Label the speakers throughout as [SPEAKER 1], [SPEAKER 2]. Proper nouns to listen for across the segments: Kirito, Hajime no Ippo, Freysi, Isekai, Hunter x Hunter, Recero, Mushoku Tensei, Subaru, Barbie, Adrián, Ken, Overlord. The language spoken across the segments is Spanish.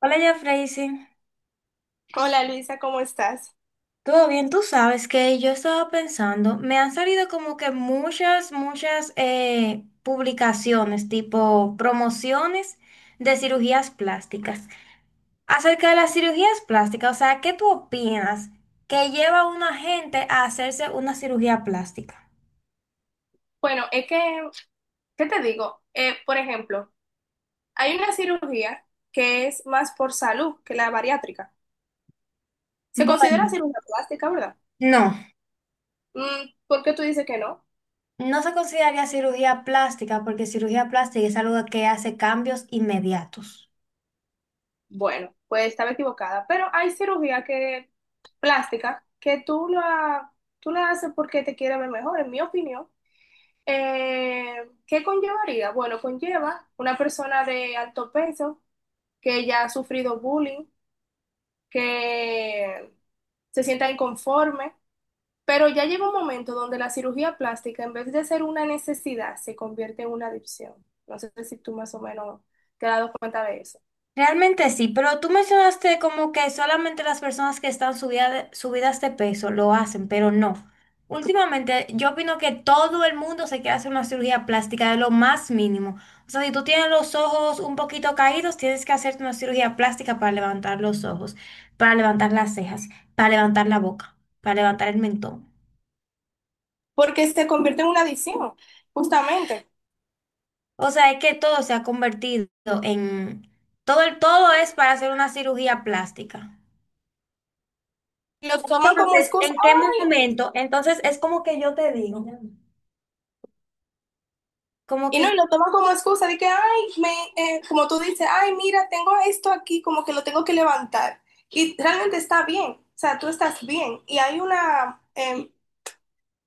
[SPEAKER 1] Hola, ya Freysi.
[SPEAKER 2] Hola Luisa, ¿cómo estás?
[SPEAKER 1] ¿Todo bien? Tú sabes que yo estaba pensando. Me han salido como que muchas, muchas publicaciones, tipo promociones de cirugías plásticas. Acerca de las cirugías plásticas, o sea, ¿qué tú opinas que lleva a una gente a hacerse una cirugía plástica?
[SPEAKER 2] Bueno, es que, ¿qué te digo? Por ejemplo, hay una cirugía que es más por salud que la bariátrica. Se considera
[SPEAKER 1] Bueno,
[SPEAKER 2] cirugía plástica, ¿verdad?
[SPEAKER 1] no,
[SPEAKER 2] Mm, ¿por qué tú dices que no?
[SPEAKER 1] no se consideraría cirugía plástica porque cirugía plástica es algo que hace cambios inmediatos.
[SPEAKER 2] Bueno, pues estaba equivocada, pero hay cirugía que, plástica que tú la haces porque te quieres ver mejor, en mi opinión. Eh, ¿Qué conllevaría? Bueno, conlleva una persona de alto peso que ya ha sufrido bullying que se sientan inconformes, pero ya llega un momento donde la cirugía plástica, en vez de ser una necesidad, se convierte en una adicción. No sé si tú más o menos te has dado cuenta de eso.
[SPEAKER 1] Realmente sí, pero tú mencionaste como que solamente las personas que están subidas de peso lo hacen, pero no. Últimamente yo opino que todo el mundo se quiere hacer una cirugía plástica de lo más mínimo. O sea, si tú tienes los ojos un poquito caídos, tienes que hacerte una cirugía plástica para levantar los ojos, para levantar las cejas, para levantar la boca, para levantar el mentón.
[SPEAKER 2] Porque se convierte en una adicción, justamente.
[SPEAKER 1] O sea, es que todo se ha convertido en... Todo el todo es para hacer una cirugía plástica.
[SPEAKER 2] Y lo toman como
[SPEAKER 1] Entonces,
[SPEAKER 2] excusa.
[SPEAKER 1] ¿en qué momento? Entonces, es como que yo te digo, como
[SPEAKER 2] Y no,
[SPEAKER 1] que,
[SPEAKER 2] y lo toman como excusa de que, ay, como tú dices, ay, mira, tengo esto aquí, como que lo tengo que levantar. Y realmente está bien, o sea, tú estás bien. Y hay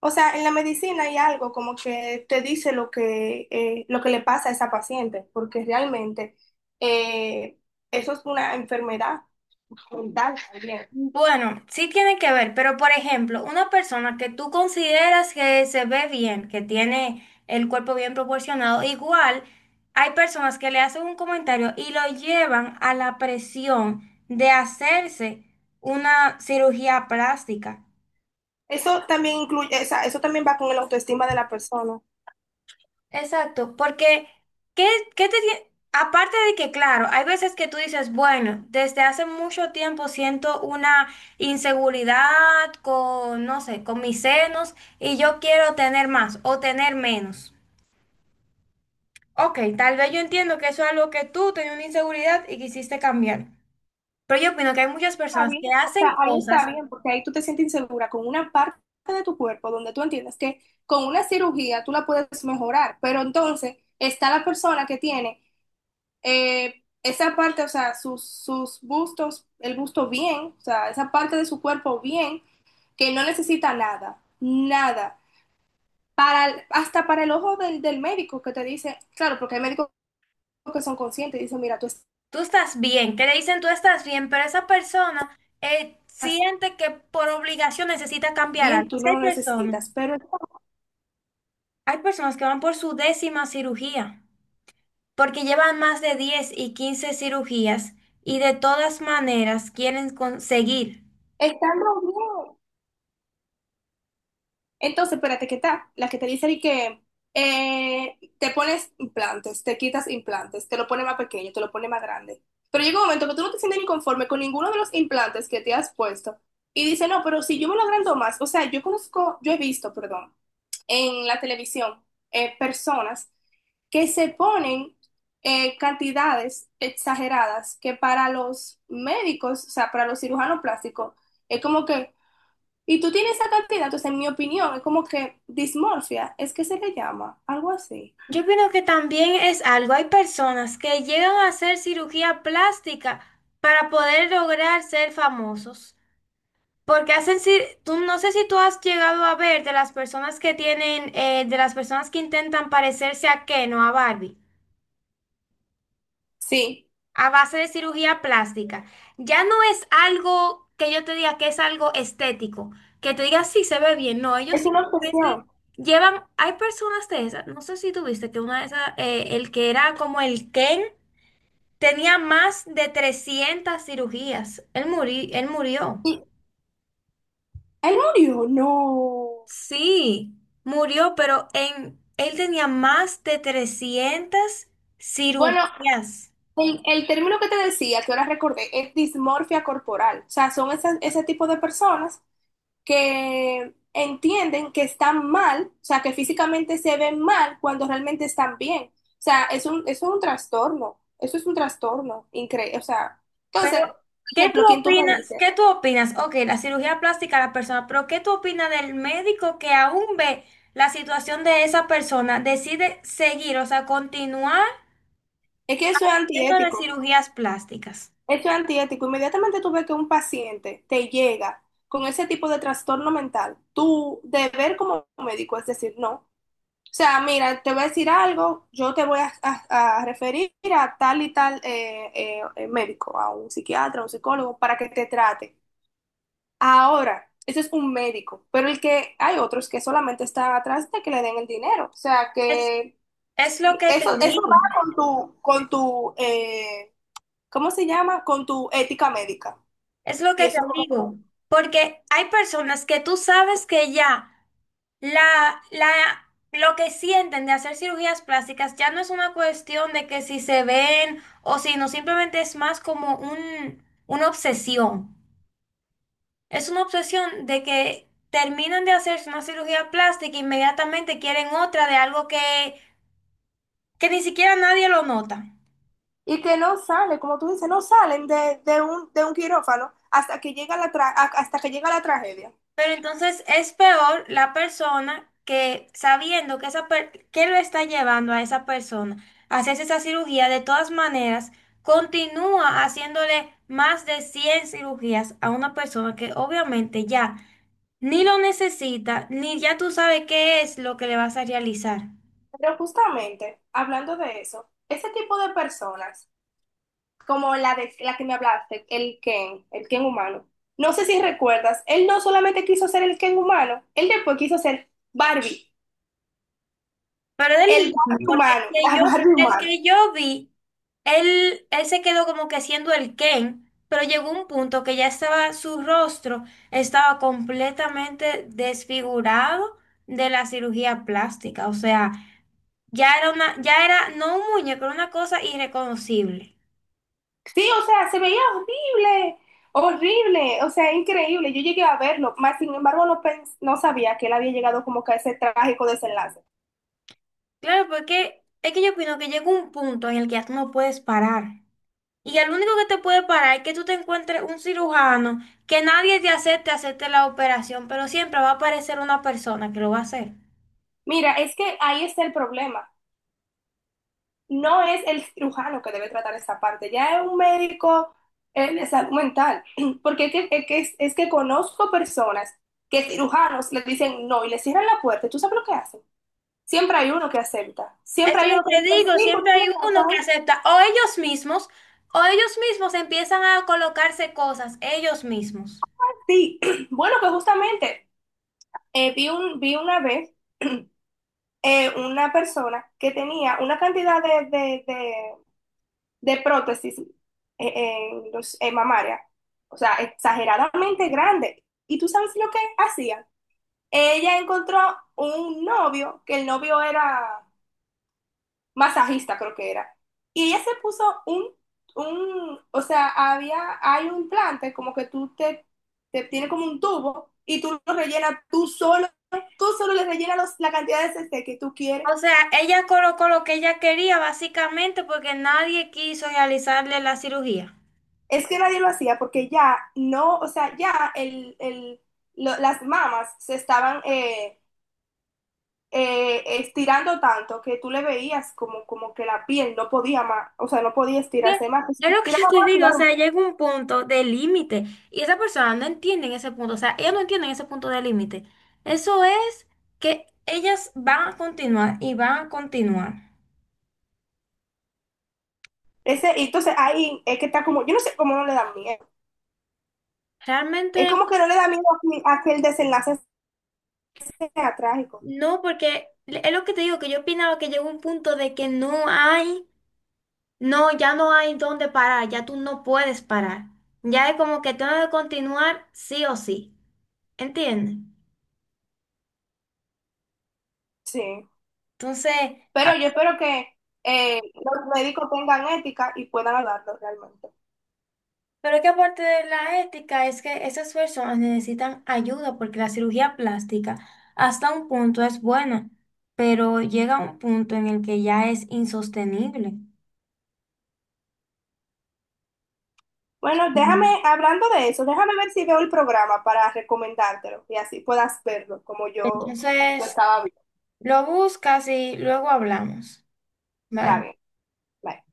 [SPEAKER 2] o sea, en la medicina hay algo como que te dice lo que le pasa a esa paciente, porque realmente eh, eso es una enfermedad mental también.
[SPEAKER 1] bueno, sí tiene que ver, pero por ejemplo, una persona que tú consideras que se ve bien, que tiene el cuerpo bien proporcionado, igual hay personas que le hacen un comentario y lo llevan a la presión de hacerse una cirugía plástica.
[SPEAKER 2] Eso también incluye, o sea, eso también va con la autoestima de la persona.
[SPEAKER 1] Exacto, porque ¿qué, qué aparte de que, claro, hay veces que tú dices, bueno, desde hace mucho tiempo siento una inseguridad con, no sé, con mis senos y yo quiero tener más o tener menos. Ok, tal vez yo entiendo que eso es algo que tú tenías una inseguridad y quisiste cambiar. Pero yo opino que hay muchas
[SPEAKER 2] Está
[SPEAKER 1] personas
[SPEAKER 2] bien,
[SPEAKER 1] que
[SPEAKER 2] o
[SPEAKER 1] hacen
[SPEAKER 2] sea, ahí está
[SPEAKER 1] cosas,
[SPEAKER 2] bien, porque ahí tú te sientes insegura con una parte de tu cuerpo donde tú entiendes que con una cirugía tú la puedes mejorar, pero entonces está la persona que tiene esa parte, o sea, sus bustos, el busto bien, o sea, esa parte de su cuerpo bien, que no necesita nada, nada. Hasta para el ojo del médico que te dice, claro, porque hay médicos que son conscientes y dicen, mira, tú estás
[SPEAKER 1] tú estás bien, que le dicen tú estás bien, pero esa persona siente que por obligación necesita cambiar
[SPEAKER 2] bien,
[SPEAKER 1] algo.
[SPEAKER 2] tú
[SPEAKER 1] Así
[SPEAKER 2] no
[SPEAKER 1] hay
[SPEAKER 2] lo
[SPEAKER 1] personas.
[SPEAKER 2] necesitas, pero
[SPEAKER 1] Hay personas que van por su décima cirugía, porque llevan más de 10 y 15 cirugías y de todas maneras quieren conseguir.
[SPEAKER 2] estando bien, entonces, espérate, ¿qué tal? La que te dice de que te pones implantes, te quitas implantes, te lo pone más pequeño, te lo pone más grande. Pero llega un momento que tú no te sientes ni conforme con ninguno de los implantes que te has puesto. Y dice, no, pero si yo me lo agrando más, o sea, yo conozco, yo he visto, perdón, en la televisión personas que se ponen cantidades exageradas que para los médicos, o sea, para los cirujanos plásticos, es como que y tú tienes esa cantidad, entonces en mi opinión es como que dismorfia, es que se le llama, algo así.
[SPEAKER 1] Yo opino que también es algo, hay personas que llegan a hacer cirugía plástica para poder lograr ser famosos, porque hacen, tú no sé si tú has llegado a ver de las personas que tienen, de las personas que intentan parecerse a Ken o a Barbie.
[SPEAKER 2] Sí,
[SPEAKER 1] A base de cirugía plástica, ya no es algo que yo te diga que es algo estético, que te diga sí se ve bien. No, ellos
[SPEAKER 2] es una
[SPEAKER 1] simplemente
[SPEAKER 2] obsesión.
[SPEAKER 1] llevan, hay personas de esas, no sé si tuviste que una de esas, el que era como el Ken, tenía más de 300 cirugías. Él él murió,
[SPEAKER 2] ¿Y él murió? No.
[SPEAKER 1] sí, murió, pero en, él tenía más de 300
[SPEAKER 2] Bueno,
[SPEAKER 1] cirugías.
[SPEAKER 2] el término que te decía, que ahora recordé, es dismorfia corporal. O sea, son ese tipo de personas que entienden que están mal, o sea, que físicamente se ven mal cuando realmente están bien. O sea, es un, eso es un trastorno, eso es un trastorno increíble. O sea, entonces,
[SPEAKER 1] Pero,
[SPEAKER 2] por
[SPEAKER 1] ¿qué tú
[SPEAKER 2] ejemplo, quien tú me
[SPEAKER 1] opinas?
[SPEAKER 2] dices.
[SPEAKER 1] ¿Qué tú opinas? Ok, la cirugía plástica a la persona, pero ¿qué tú opinas del médico que aún ve la situación de esa persona, decide seguir, o sea, continuar
[SPEAKER 2] Es que eso es
[SPEAKER 1] haciéndole
[SPEAKER 2] antiético.
[SPEAKER 1] cirugías plásticas?
[SPEAKER 2] Eso es antiético. Inmediatamente tú ves que un paciente te llega con ese tipo de trastorno mental, tu deber como médico es decir no. O sea, mira, te voy a decir algo, yo te voy a referir a tal y tal médico, a un psiquiatra, a un psicólogo, para que te trate. Ahora, ese es un médico, pero el que hay otros que solamente están atrás de que le den el dinero. O sea,
[SPEAKER 1] Es,
[SPEAKER 2] que
[SPEAKER 1] es lo que te
[SPEAKER 2] eso
[SPEAKER 1] digo,
[SPEAKER 2] va con con tu ¿cómo se llama? Con tu ética médica.
[SPEAKER 1] es lo
[SPEAKER 2] Y
[SPEAKER 1] que te
[SPEAKER 2] eso es como
[SPEAKER 1] digo,
[SPEAKER 2] que-
[SPEAKER 1] porque hay personas que tú sabes que ya La, la, lo que sienten de hacer cirugías plásticas ya no es una cuestión de que si se ven o si no, simplemente es más como un, una obsesión. Es una obsesión de que terminan de hacerse una cirugía plástica e inmediatamente quieren otra de algo que ni siquiera nadie lo nota.
[SPEAKER 2] y que no sale, como tú dices, no salen de de un quirófano hasta que llega la hasta que llega la tragedia.
[SPEAKER 1] Pero entonces es peor la persona que sabiendo que, que lo está llevando a esa persona a hacerse esa cirugía, de todas maneras, continúa haciéndole más de 100 cirugías a una persona que obviamente ya ni lo necesita, ni ya tú sabes qué es lo que le vas a realizar.
[SPEAKER 2] Pero justamente, hablando de eso, ese tipo de personas, como la de la que me hablaste, el Ken humano, no sé si recuerdas, él no solamente quiso ser el Ken humano, él después quiso ser Barbie,
[SPEAKER 1] Pero del
[SPEAKER 2] el
[SPEAKER 1] mismo,
[SPEAKER 2] Barbie
[SPEAKER 1] porque
[SPEAKER 2] humano, la Barbie
[SPEAKER 1] el
[SPEAKER 2] humana.
[SPEAKER 1] que yo vi, él se quedó como que siendo el Ken, pero llegó un punto que ya estaba, su rostro estaba completamente desfigurado de la cirugía plástica. O sea, ya era no un muñeco, era una cosa irreconocible.
[SPEAKER 2] Sí, o sea, se veía horrible, horrible, o sea, increíble. Yo llegué a verlo, más sin embargo no, no sabía que él había llegado como que a ese trágico desenlace.
[SPEAKER 1] Claro, porque es que yo opino que llega un punto en el que ya tú no puedes parar. Y el único que te puede parar es que tú te encuentres un cirujano que nadie te acepte hacerte la operación, pero siempre va a aparecer una persona que lo va a hacer.
[SPEAKER 2] Mira, es que ahí está el problema. No es el cirujano que debe tratar esa parte, ya es un médico de salud mental, porque que conozco personas que cirujanos les dicen no y les cierran la puerta. ¿Tú sabes lo que hacen? Siempre hay uno que acepta,
[SPEAKER 1] Eso
[SPEAKER 2] siempre
[SPEAKER 1] es
[SPEAKER 2] hay
[SPEAKER 1] lo
[SPEAKER 2] uno que
[SPEAKER 1] que
[SPEAKER 2] dice
[SPEAKER 1] digo,
[SPEAKER 2] sí, por
[SPEAKER 1] siempre hay uno que
[SPEAKER 2] favor,
[SPEAKER 1] acepta, o ellos mismos empiezan a colocarse cosas, ellos mismos.
[SPEAKER 2] sí. Bueno, pues justamente. Vi una vez una persona que tenía una cantidad de prótesis en los, en mamaria, o sea, exageradamente grande. ¿Y tú sabes lo que hacía? Ella encontró un novio, que el novio era masajista creo que era. Y ella se puso o sea, había, hay un implante como que te tiene como un tubo y tú lo rellenas tú solo le rellenas la cantidad de CC que tú quieres.
[SPEAKER 1] O sea, ella colocó lo que ella quería básicamente porque nadie quiso realizarle la cirugía.
[SPEAKER 2] Es que nadie lo hacía porque ya no, o sea, ya el, las mamas se estaban estirando tanto que tú le veías como, como que la piel no podía más, o sea, no podía
[SPEAKER 1] que-
[SPEAKER 2] estirarse más, que si
[SPEAKER 1] Es
[SPEAKER 2] se
[SPEAKER 1] lo que
[SPEAKER 2] estiraba
[SPEAKER 1] yo te
[SPEAKER 2] más se iba
[SPEAKER 1] digo,
[SPEAKER 2] a
[SPEAKER 1] o sea,
[SPEAKER 2] romper.
[SPEAKER 1] llega un punto de límite y esa persona no entiende ese punto, o sea, ellas no entienden ese punto de límite. Eso es que ellas van a continuar y van a continuar.
[SPEAKER 2] Ese, y entonces ahí es que está como, yo no sé cómo no le da miedo.
[SPEAKER 1] Realmente
[SPEAKER 2] Es como que no le da miedo a que el desenlace sea trágico.
[SPEAKER 1] no, porque es lo que te digo, que yo opinaba que llegó un punto de que no hay, no, ya no hay dónde parar, ya tú no puedes parar. Ya es como que tengo que continuar sí o sí, ¿entiendes?
[SPEAKER 2] Sí.
[SPEAKER 1] Entonces...
[SPEAKER 2] Pero yo espero que los médicos tengan ética y puedan hablarlo realmente.
[SPEAKER 1] Pero es que aparte de la ética, es que esas personas necesitan ayuda porque la cirugía plástica hasta un punto es buena, pero llega un punto en el que ya es insostenible.
[SPEAKER 2] Bueno, déjame,
[SPEAKER 1] Mm.
[SPEAKER 2] hablando de eso, déjame ver si veo el programa para recomendártelo y así puedas verlo como yo lo
[SPEAKER 1] Entonces,
[SPEAKER 2] estaba viendo.
[SPEAKER 1] lo buscas y luego hablamos.
[SPEAKER 2] Está
[SPEAKER 1] Bye.
[SPEAKER 2] bien. Bye.